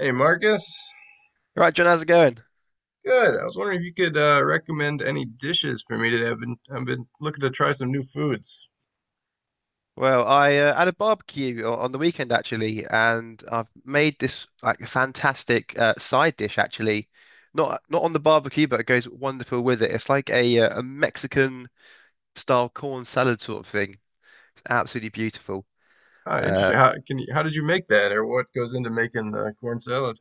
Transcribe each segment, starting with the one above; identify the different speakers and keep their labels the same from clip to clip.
Speaker 1: Hey Marcus,
Speaker 2: Right, John, how's it going?
Speaker 1: good. I was wondering if you could recommend any dishes for me today. I've been looking to try some new foods.
Speaker 2: Well, I had a barbecue on the weekend actually, and I've made this like fantastic side dish actually. Not on the barbecue, but it goes wonderful with it. It's like a Mexican style corn salad sort of thing. It's absolutely beautiful.
Speaker 1: Ah,
Speaker 2: Uh,
Speaker 1: interesting. How did you make that, or what goes into making the corn salad?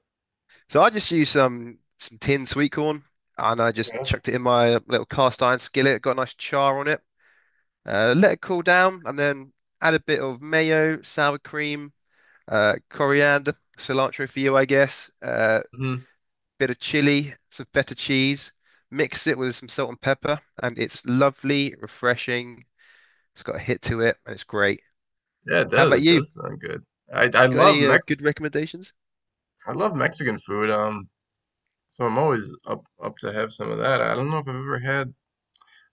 Speaker 2: so I just used some tinned sweet corn, and I just
Speaker 1: Okay.
Speaker 2: chucked it in my little cast iron skillet. Got a nice char on it. Let it cool down, and then add a bit of mayo, sour cream, coriander, cilantro for you, I guess,
Speaker 1: Hmm.
Speaker 2: bit of chili, some feta cheese, mix it with some salt and pepper, and it's lovely, refreshing. It's got a hit to it, and it's great.
Speaker 1: Yeah, it
Speaker 2: How
Speaker 1: does.
Speaker 2: about
Speaker 1: It
Speaker 2: you?
Speaker 1: does sound good. I I
Speaker 2: You got
Speaker 1: love
Speaker 2: any
Speaker 1: Mex
Speaker 2: good recommendations?
Speaker 1: I love Mexican food. So I'm always up to have some of that. I don't know if I've ever had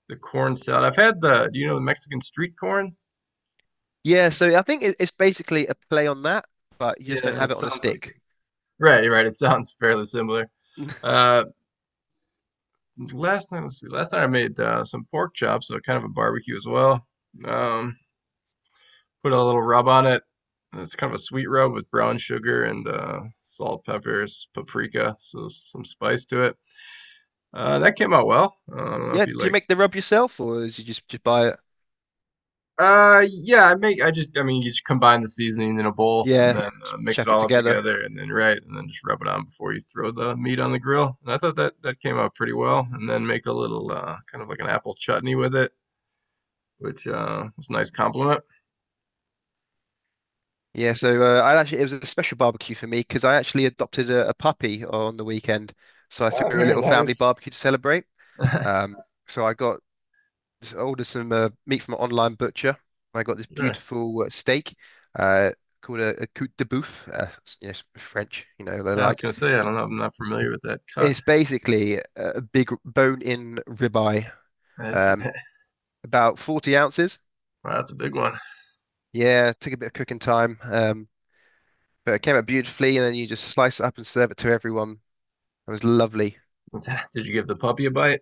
Speaker 1: the corn salad. Do you know the Mexican street corn?
Speaker 2: Yeah, so I think it's basically a play on that, but you just don't
Speaker 1: Yeah,
Speaker 2: have
Speaker 1: it
Speaker 2: it on a
Speaker 1: sounds like
Speaker 2: stick.
Speaker 1: it. Right, right. It sounds fairly similar. Uh, Last night, let's see. Last night I made some pork chops, so kind of a barbecue as well. Um, Put a little rub on it. It's kind of a sweet rub with brown sugar and salt, peppers, paprika, so some spice to it. That came out well. I don't know if
Speaker 2: Yeah,
Speaker 1: you
Speaker 2: do you
Speaker 1: like.
Speaker 2: make the rub yourself, or is you just buy it?
Speaker 1: Yeah, I make. I mean, you just combine the seasoning in a bowl and
Speaker 2: Yeah,
Speaker 1: then
Speaker 2: just
Speaker 1: mix it
Speaker 2: chuck it
Speaker 1: all up
Speaker 2: together.
Speaker 1: together, and then right, and then just rub it on before you throw the meat on the grill. And I thought that that came out pretty well. And then make a little kind of like an apple chutney with it which was a nice compliment.
Speaker 2: Yeah, so I actually it was a special barbecue for me because I actually adopted a puppy on the weekend. So I
Speaker 1: Ah,
Speaker 2: threw a
Speaker 1: very
Speaker 2: little family
Speaker 1: nice.
Speaker 2: barbecue to celebrate. Um, so I got ordered some meat from an online butcher. I got this
Speaker 1: Sure.
Speaker 2: beautiful steak uh, called a côte de bœuf. You know, French, you know, they
Speaker 1: I was
Speaker 2: like.
Speaker 1: gonna say I don't know. I'm not familiar with that cut.
Speaker 2: It's basically a big bone-in ribeye,
Speaker 1: That's,
Speaker 2: um, about 40 ounces.
Speaker 1: wow, that's a big one.
Speaker 2: Yeah, took a bit of cooking time, but it came out beautifully. And then you just slice it up and serve it to everyone. It was lovely.
Speaker 1: Did you give the puppy a bite?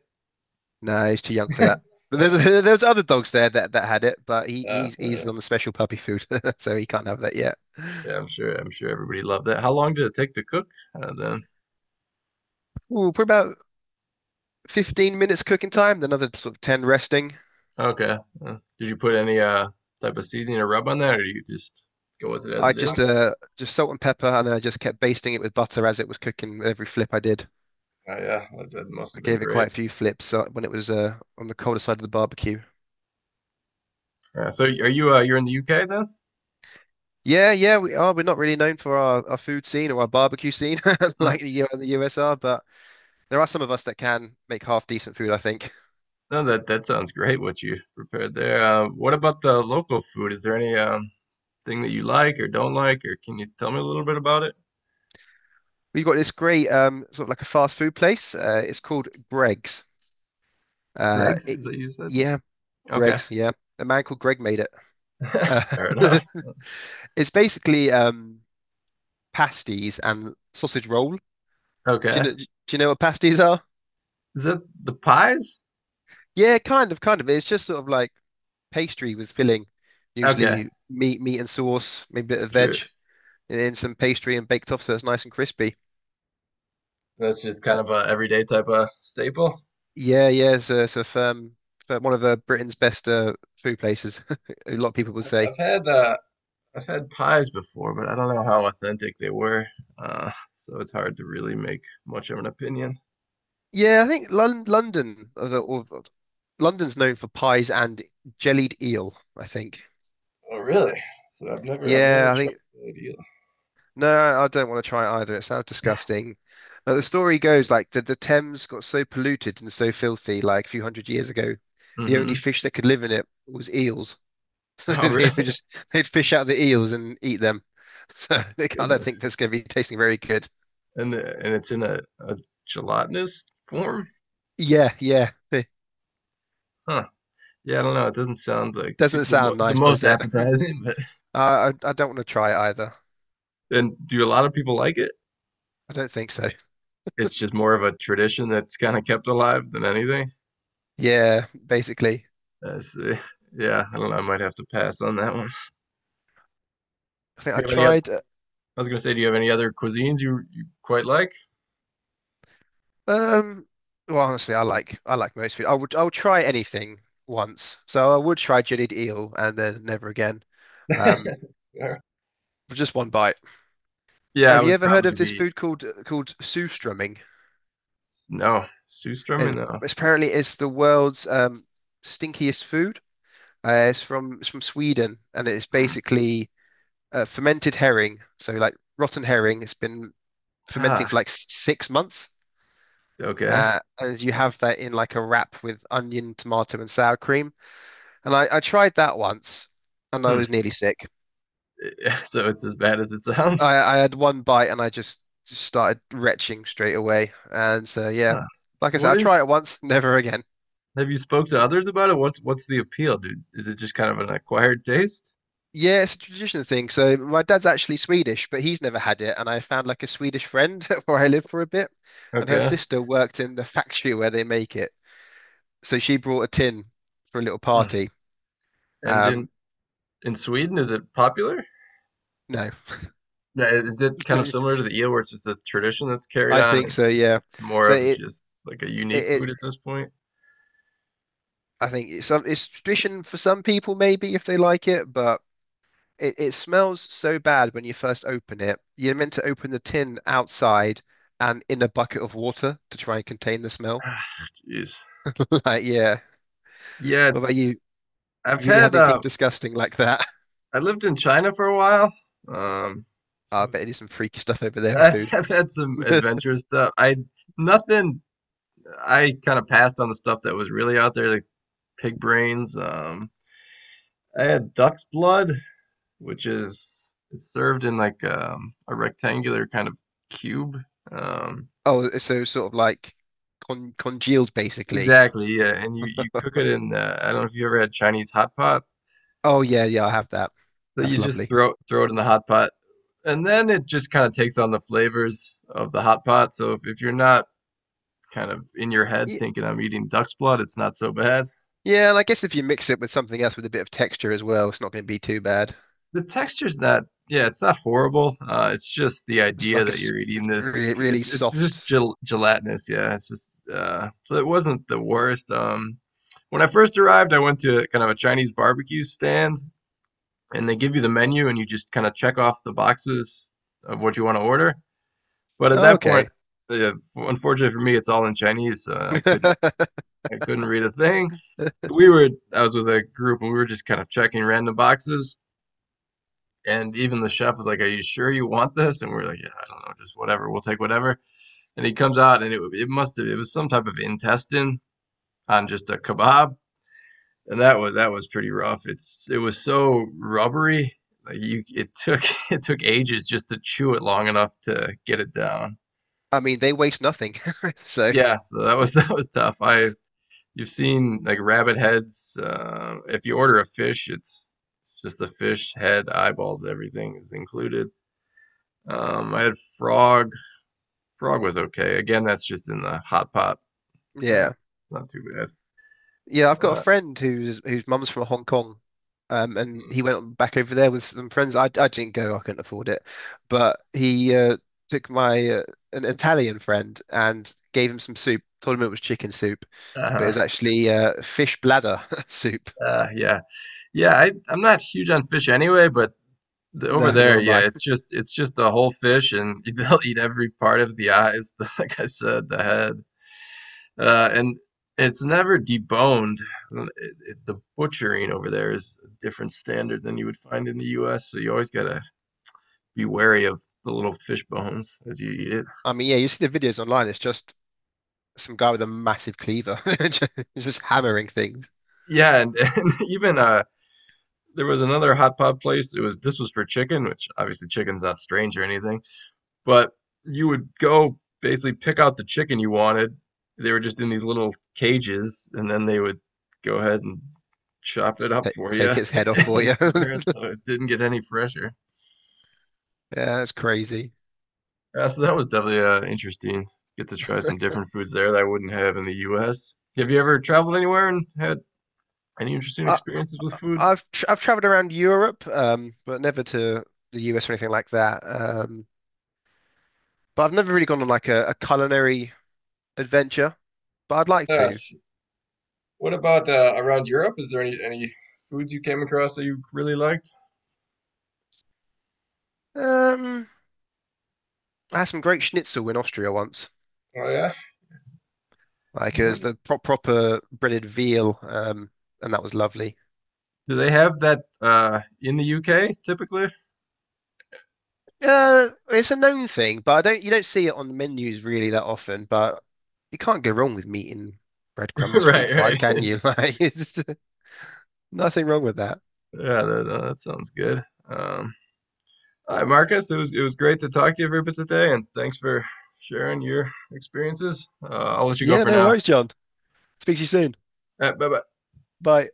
Speaker 2: No, he's too young for that. But there's there's other dogs there that had it, but he
Speaker 1: Uh,
Speaker 2: he's he's
Speaker 1: uh,
Speaker 2: on the special puppy food, so he can't have that yet.
Speaker 1: yeah, I'm sure. I'm sure everybody loved that. How long did it take to cook? Then
Speaker 2: Ooh, put about 15 minutes cooking time, then another sort of 10 resting.
Speaker 1: Okay. Did you put any type of seasoning or rub on that, or do you just go with it as
Speaker 2: I
Speaker 1: it is?
Speaker 2: just salt and pepper, and then I just kept basting it with butter as it was cooking with every flip I did.
Speaker 1: Yeah, that, that must
Speaker 2: I
Speaker 1: have been
Speaker 2: gave it quite
Speaker 1: great.
Speaker 2: a few flips when it was on the colder side of the barbecue.
Speaker 1: Yeah. So are you you're in the UK then?
Speaker 2: Yeah, yeah, we are. We're not really known for our food scene or our barbecue scene like the US are, but there are some of us that can make half decent food, I think.
Speaker 1: No, that that sounds great. What you prepared there. What about the local food? Is there any thing that you like or don't like, or can you tell me a little bit about it?
Speaker 2: We've got this great sort of like a fast food place. It's called Greg's. Uh,
Speaker 1: Greg's, is
Speaker 2: it,
Speaker 1: that you said?
Speaker 2: yeah,
Speaker 1: Okay.
Speaker 2: Greg's. Yeah, a man called Greg made it. Uh,
Speaker 1: Fair enough.
Speaker 2: it's basically pasties and sausage roll. Do you
Speaker 1: Okay.
Speaker 2: know, do you know what pasties are?
Speaker 1: Is that the pies?
Speaker 2: Yeah, kind of. It's just sort of like pastry with filling,
Speaker 1: Okay,
Speaker 2: usually meat and sauce, maybe a bit of veg,
Speaker 1: sure.
Speaker 2: and then some pastry and baked off, so it's nice and crispy.
Speaker 1: That's just
Speaker 2: Uh,
Speaker 1: kind of a everyday type of staple.
Speaker 2: yeah. So firm, one of Britain's best food places. A lot of people would
Speaker 1: I've,
Speaker 2: say.
Speaker 1: I've had uh, I've had pies before, but I don't know how authentic they were, so it's hard to really make much of an opinion.
Speaker 2: Yeah, I think London, the- or London's known for pies and jellied eel, I think.
Speaker 1: Oh, really? So I've
Speaker 2: Yeah,
Speaker 1: never
Speaker 2: I
Speaker 1: tried
Speaker 2: think
Speaker 1: that either.
Speaker 2: no, I don't want to try it either. It sounds disgusting. But the story goes like the Thames got so polluted and so filthy like a few hundred years ago, the
Speaker 1: Mm-hmm.
Speaker 2: only fish that could live in it was eels. So
Speaker 1: Oh,
Speaker 2: they
Speaker 1: really?
Speaker 2: would just they'd fish out the eels and eat them. So they can't, I don't think
Speaker 1: Goodness.
Speaker 2: that's going to be tasting very good.
Speaker 1: And it's in a gelatinous form?
Speaker 2: Yeah, yeah. It
Speaker 1: Huh. Yeah, I don't know. It doesn't sound like too,
Speaker 2: doesn't
Speaker 1: the mo
Speaker 2: sound
Speaker 1: the
Speaker 2: nice,
Speaker 1: most
Speaker 2: does it?
Speaker 1: appetizing, but
Speaker 2: I don't want to try it either.
Speaker 1: and do a lot of people like it?
Speaker 2: I don't think so.
Speaker 1: It's just more of a tradition that's kind of kept alive than anything.
Speaker 2: Yeah, basically.
Speaker 1: I see. Yeah, I don't know. I might have to pass on that one.
Speaker 2: I think I
Speaker 1: Do you have any other?
Speaker 2: tried
Speaker 1: I was gonna say, do you have any other cuisines you quite like?
Speaker 2: um well honestly I like most food. I would try anything once. So I would try jellied eel and then never again. Um
Speaker 1: Yeah,
Speaker 2: for just one bite.
Speaker 1: Yeah, I
Speaker 2: Have you
Speaker 1: would
Speaker 2: ever heard
Speaker 1: probably
Speaker 2: of this
Speaker 1: be
Speaker 2: food called Surströmming?
Speaker 1: no Surströmming. No.
Speaker 2: It's apparently it's the world's stinkiest food. It's from Sweden and it's
Speaker 1: Hmm.
Speaker 2: basically fermented herring. So like rotten herring, it's been fermenting for
Speaker 1: Ah,
Speaker 2: like 6 months.
Speaker 1: okay.
Speaker 2: As you have that in like a wrap with onion, tomato, and sour cream. And I tried that once and I was
Speaker 1: Hmm.
Speaker 2: nearly sick.
Speaker 1: So it's as bad as it sounds.
Speaker 2: I had one bite and just started retching straight away. And so, yeah,
Speaker 1: Huh.
Speaker 2: like I said,
Speaker 1: What
Speaker 2: I
Speaker 1: is
Speaker 2: try it once, never again.
Speaker 1: Have you spoke to others about it? What's the appeal, dude? Is it just kind of an acquired taste?
Speaker 2: Yeah, it's a traditional thing. So my dad's actually Swedish, but he's never had it. And I found like a Swedish friend where I lived for a bit, and her
Speaker 1: Okay.
Speaker 2: sister worked in the factory where they make it. So she brought a tin for a little
Speaker 1: Hmm.
Speaker 2: party.
Speaker 1: And in
Speaker 2: Um,
Speaker 1: in Sweden, is it popular?
Speaker 2: no,
Speaker 1: Yeah, is it kind of similar to the eel, where it's just a tradition that's carried
Speaker 2: I
Speaker 1: on
Speaker 2: think
Speaker 1: and
Speaker 2: so, yeah.
Speaker 1: more
Speaker 2: So
Speaker 1: of
Speaker 2: it,
Speaker 1: just like a
Speaker 2: it,
Speaker 1: unique
Speaker 2: it
Speaker 1: food at this point?
Speaker 2: I think it's some it's tradition for some people maybe if they like it, but it smells so bad when you first open it. You're meant to open the tin outside and in a bucket of water to try and contain the smell.
Speaker 1: Ah, Jeez.
Speaker 2: Like, yeah.
Speaker 1: Yeah,
Speaker 2: What about
Speaker 1: it's
Speaker 2: you? Have
Speaker 1: I've
Speaker 2: you really
Speaker 1: had
Speaker 2: had anything disgusting like that?
Speaker 1: I lived in China for a while. Um
Speaker 2: I
Speaker 1: so
Speaker 2: bet you do some freaky stuff over there with
Speaker 1: I've,
Speaker 2: food.
Speaker 1: I've had some adventurous stuff. I nothing I kind of passed on the stuff that was really out there like pig brains, I had duck's blood, which is it's served in like a rectangular kind of cube. Um,
Speaker 2: Oh, so sort of like congealed basically.
Speaker 1: exactly, yeah. And you cook it in. I don't know if you ever had Chinese hot pot.
Speaker 2: Oh yeah, yeah, I have that.
Speaker 1: So
Speaker 2: That's
Speaker 1: you just
Speaker 2: lovely.
Speaker 1: throw it in the hot pot, and then it just kind of takes on the flavors of the hot pot. So if you're not kind of in your head
Speaker 2: Ye-
Speaker 1: thinking I'm eating duck's blood, it's not so bad.
Speaker 2: Yeah, and I guess if you mix it with something else with a bit of texture as well, it's not going to be too bad.
Speaker 1: The texture's not yeah, it's not horrible. It's just the
Speaker 2: It's
Speaker 1: idea
Speaker 2: like
Speaker 1: that you're eating this.
Speaker 2: really, really
Speaker 1: It's just
Speaker 2: soft.
Speaker 1: gelatinous. Yeah, it's just so it wasn't the worst. When I first arrived, I went to kind of a Chinese barbecue stand, and they give you the menu, and you just kind of check off the boxes of what you want to order. But at
Speaker 2: Oh,
Speaker 1: that point,
Speaker 2: okay.
Speaker 1: unfortunately for me, it's all in Chinese, so I couldn't read a thing. We were I was with a group, and we were just kind of checking random boxes. And even the chef was like, "Are you sure you want this?" And we are like, "Yeah, I don't know, just whatever. We'll take whatever." And he comes out, and it must have it was some type of intestine on just a kebab, and that was pretty rough. It was so rubbery, like you it took it took ages just to chew it long enough to get it down.
Speaker 2: I mean, they waste nothing. So,
Speaker 1: Yeah, so that was that was tough. I You've seen like rabbit heads. If you order a fish, it's just the fish head, eyeballs, everything is included. I had frog was okay. Again, that's just in the hot pot.
Speaker 2: yeah.
Speaker 1: It's not too bad.
Speaker 2: Yeah, I've got a
Speaker 1: Uh,
Speaker 2: friend who's whose mum's from Hong Kong, and he went back over there with some friends. I didn't go, I couldn't afford it, but he took my an Italian friend and gave him some soup. Told him it was chicken soup, but it
Speaker 1: uh,
Speaker 2: was actually fish bladder soup.
Speaker 1: yeah, yeah. I I'm not huge on fish anyway, but over
Speaker 2: No, nor
Speaker 1: there,
Speaker 2: am
Speaker 1: yeah,
Speaker 2: I.
Speaker 1: it's just a whole fish, and they'll eat every part of the eyes, like I said, the head, and it's never deboned. The butchering over there is a different standard than you would find in the U.S. So you always gotta be wary of the little fish bones as you eat it.
Speaker 2: I mean, yeah, you see the videos online. It's just some guy with a massive cleaver, just just hammering things.
Speaker 1: Yeah, and even there was another hot pot place. It was This was for chicken, which obviously chicken's not strange or anything, but you would go basically pick out the chicken you wanted. They were just in these little cages, and then they would go ahead and chop it up for you
Speaker 2: Take its head off for you.
Speaker 1: and prepare it so it didn't get any fresher.
Speaker 2: Yeah, that's crazy.
Speaker 1: Yeah, so that was definitely interesting. Get to try some different foods there that I wouldn't have in the U.S. Have you ever traveled anywhere and had any interesting
Speaker 2: I,
Speaker 1: experiences with food?
Speaker 2: I've tr I've traveled around Europe, but never to the US or anything like that. But I've never really gone on like a culinary adventure, but I'd like
Speaker 1: Yeah,
Speaker 2: to.
Speaker 1: what about around Europe? Is there any foods you came across that you really liked?
Speaker 2: Um, I had some great schnitzel in Austria once,
Speaker 1: Oh yeah.
Speaker 2: like it was
Speaker 1: Like,
Speaker 2: the proper breaded veal, and that was lovely.
Speaker 1: do they have that in the UK typically?
Speaker 2: It's a known thing, but I don't you don't see it on the menus really that often. But you can't go wrong with meat and breadcrumbs
Speaker 1: Right,
Speaker 2: deep
Speaker 1: right.
Speaker 2: fried, can you? Like, it's nothing wrong with that.
Speaker 1: Yeah, that, that sounds good. Um, all right, Marcus, it was great to talk to you for today, and thanks for sharing your experiences. I'll let you go
Speaker 2: Yeah,
Speaker 1: for
Speaker 2: no
Speaker 1: now. All
Speaker 2: worries, John. Speak to you soon.
Speaker 1: right, bye bye.
Speaker 2: Bye.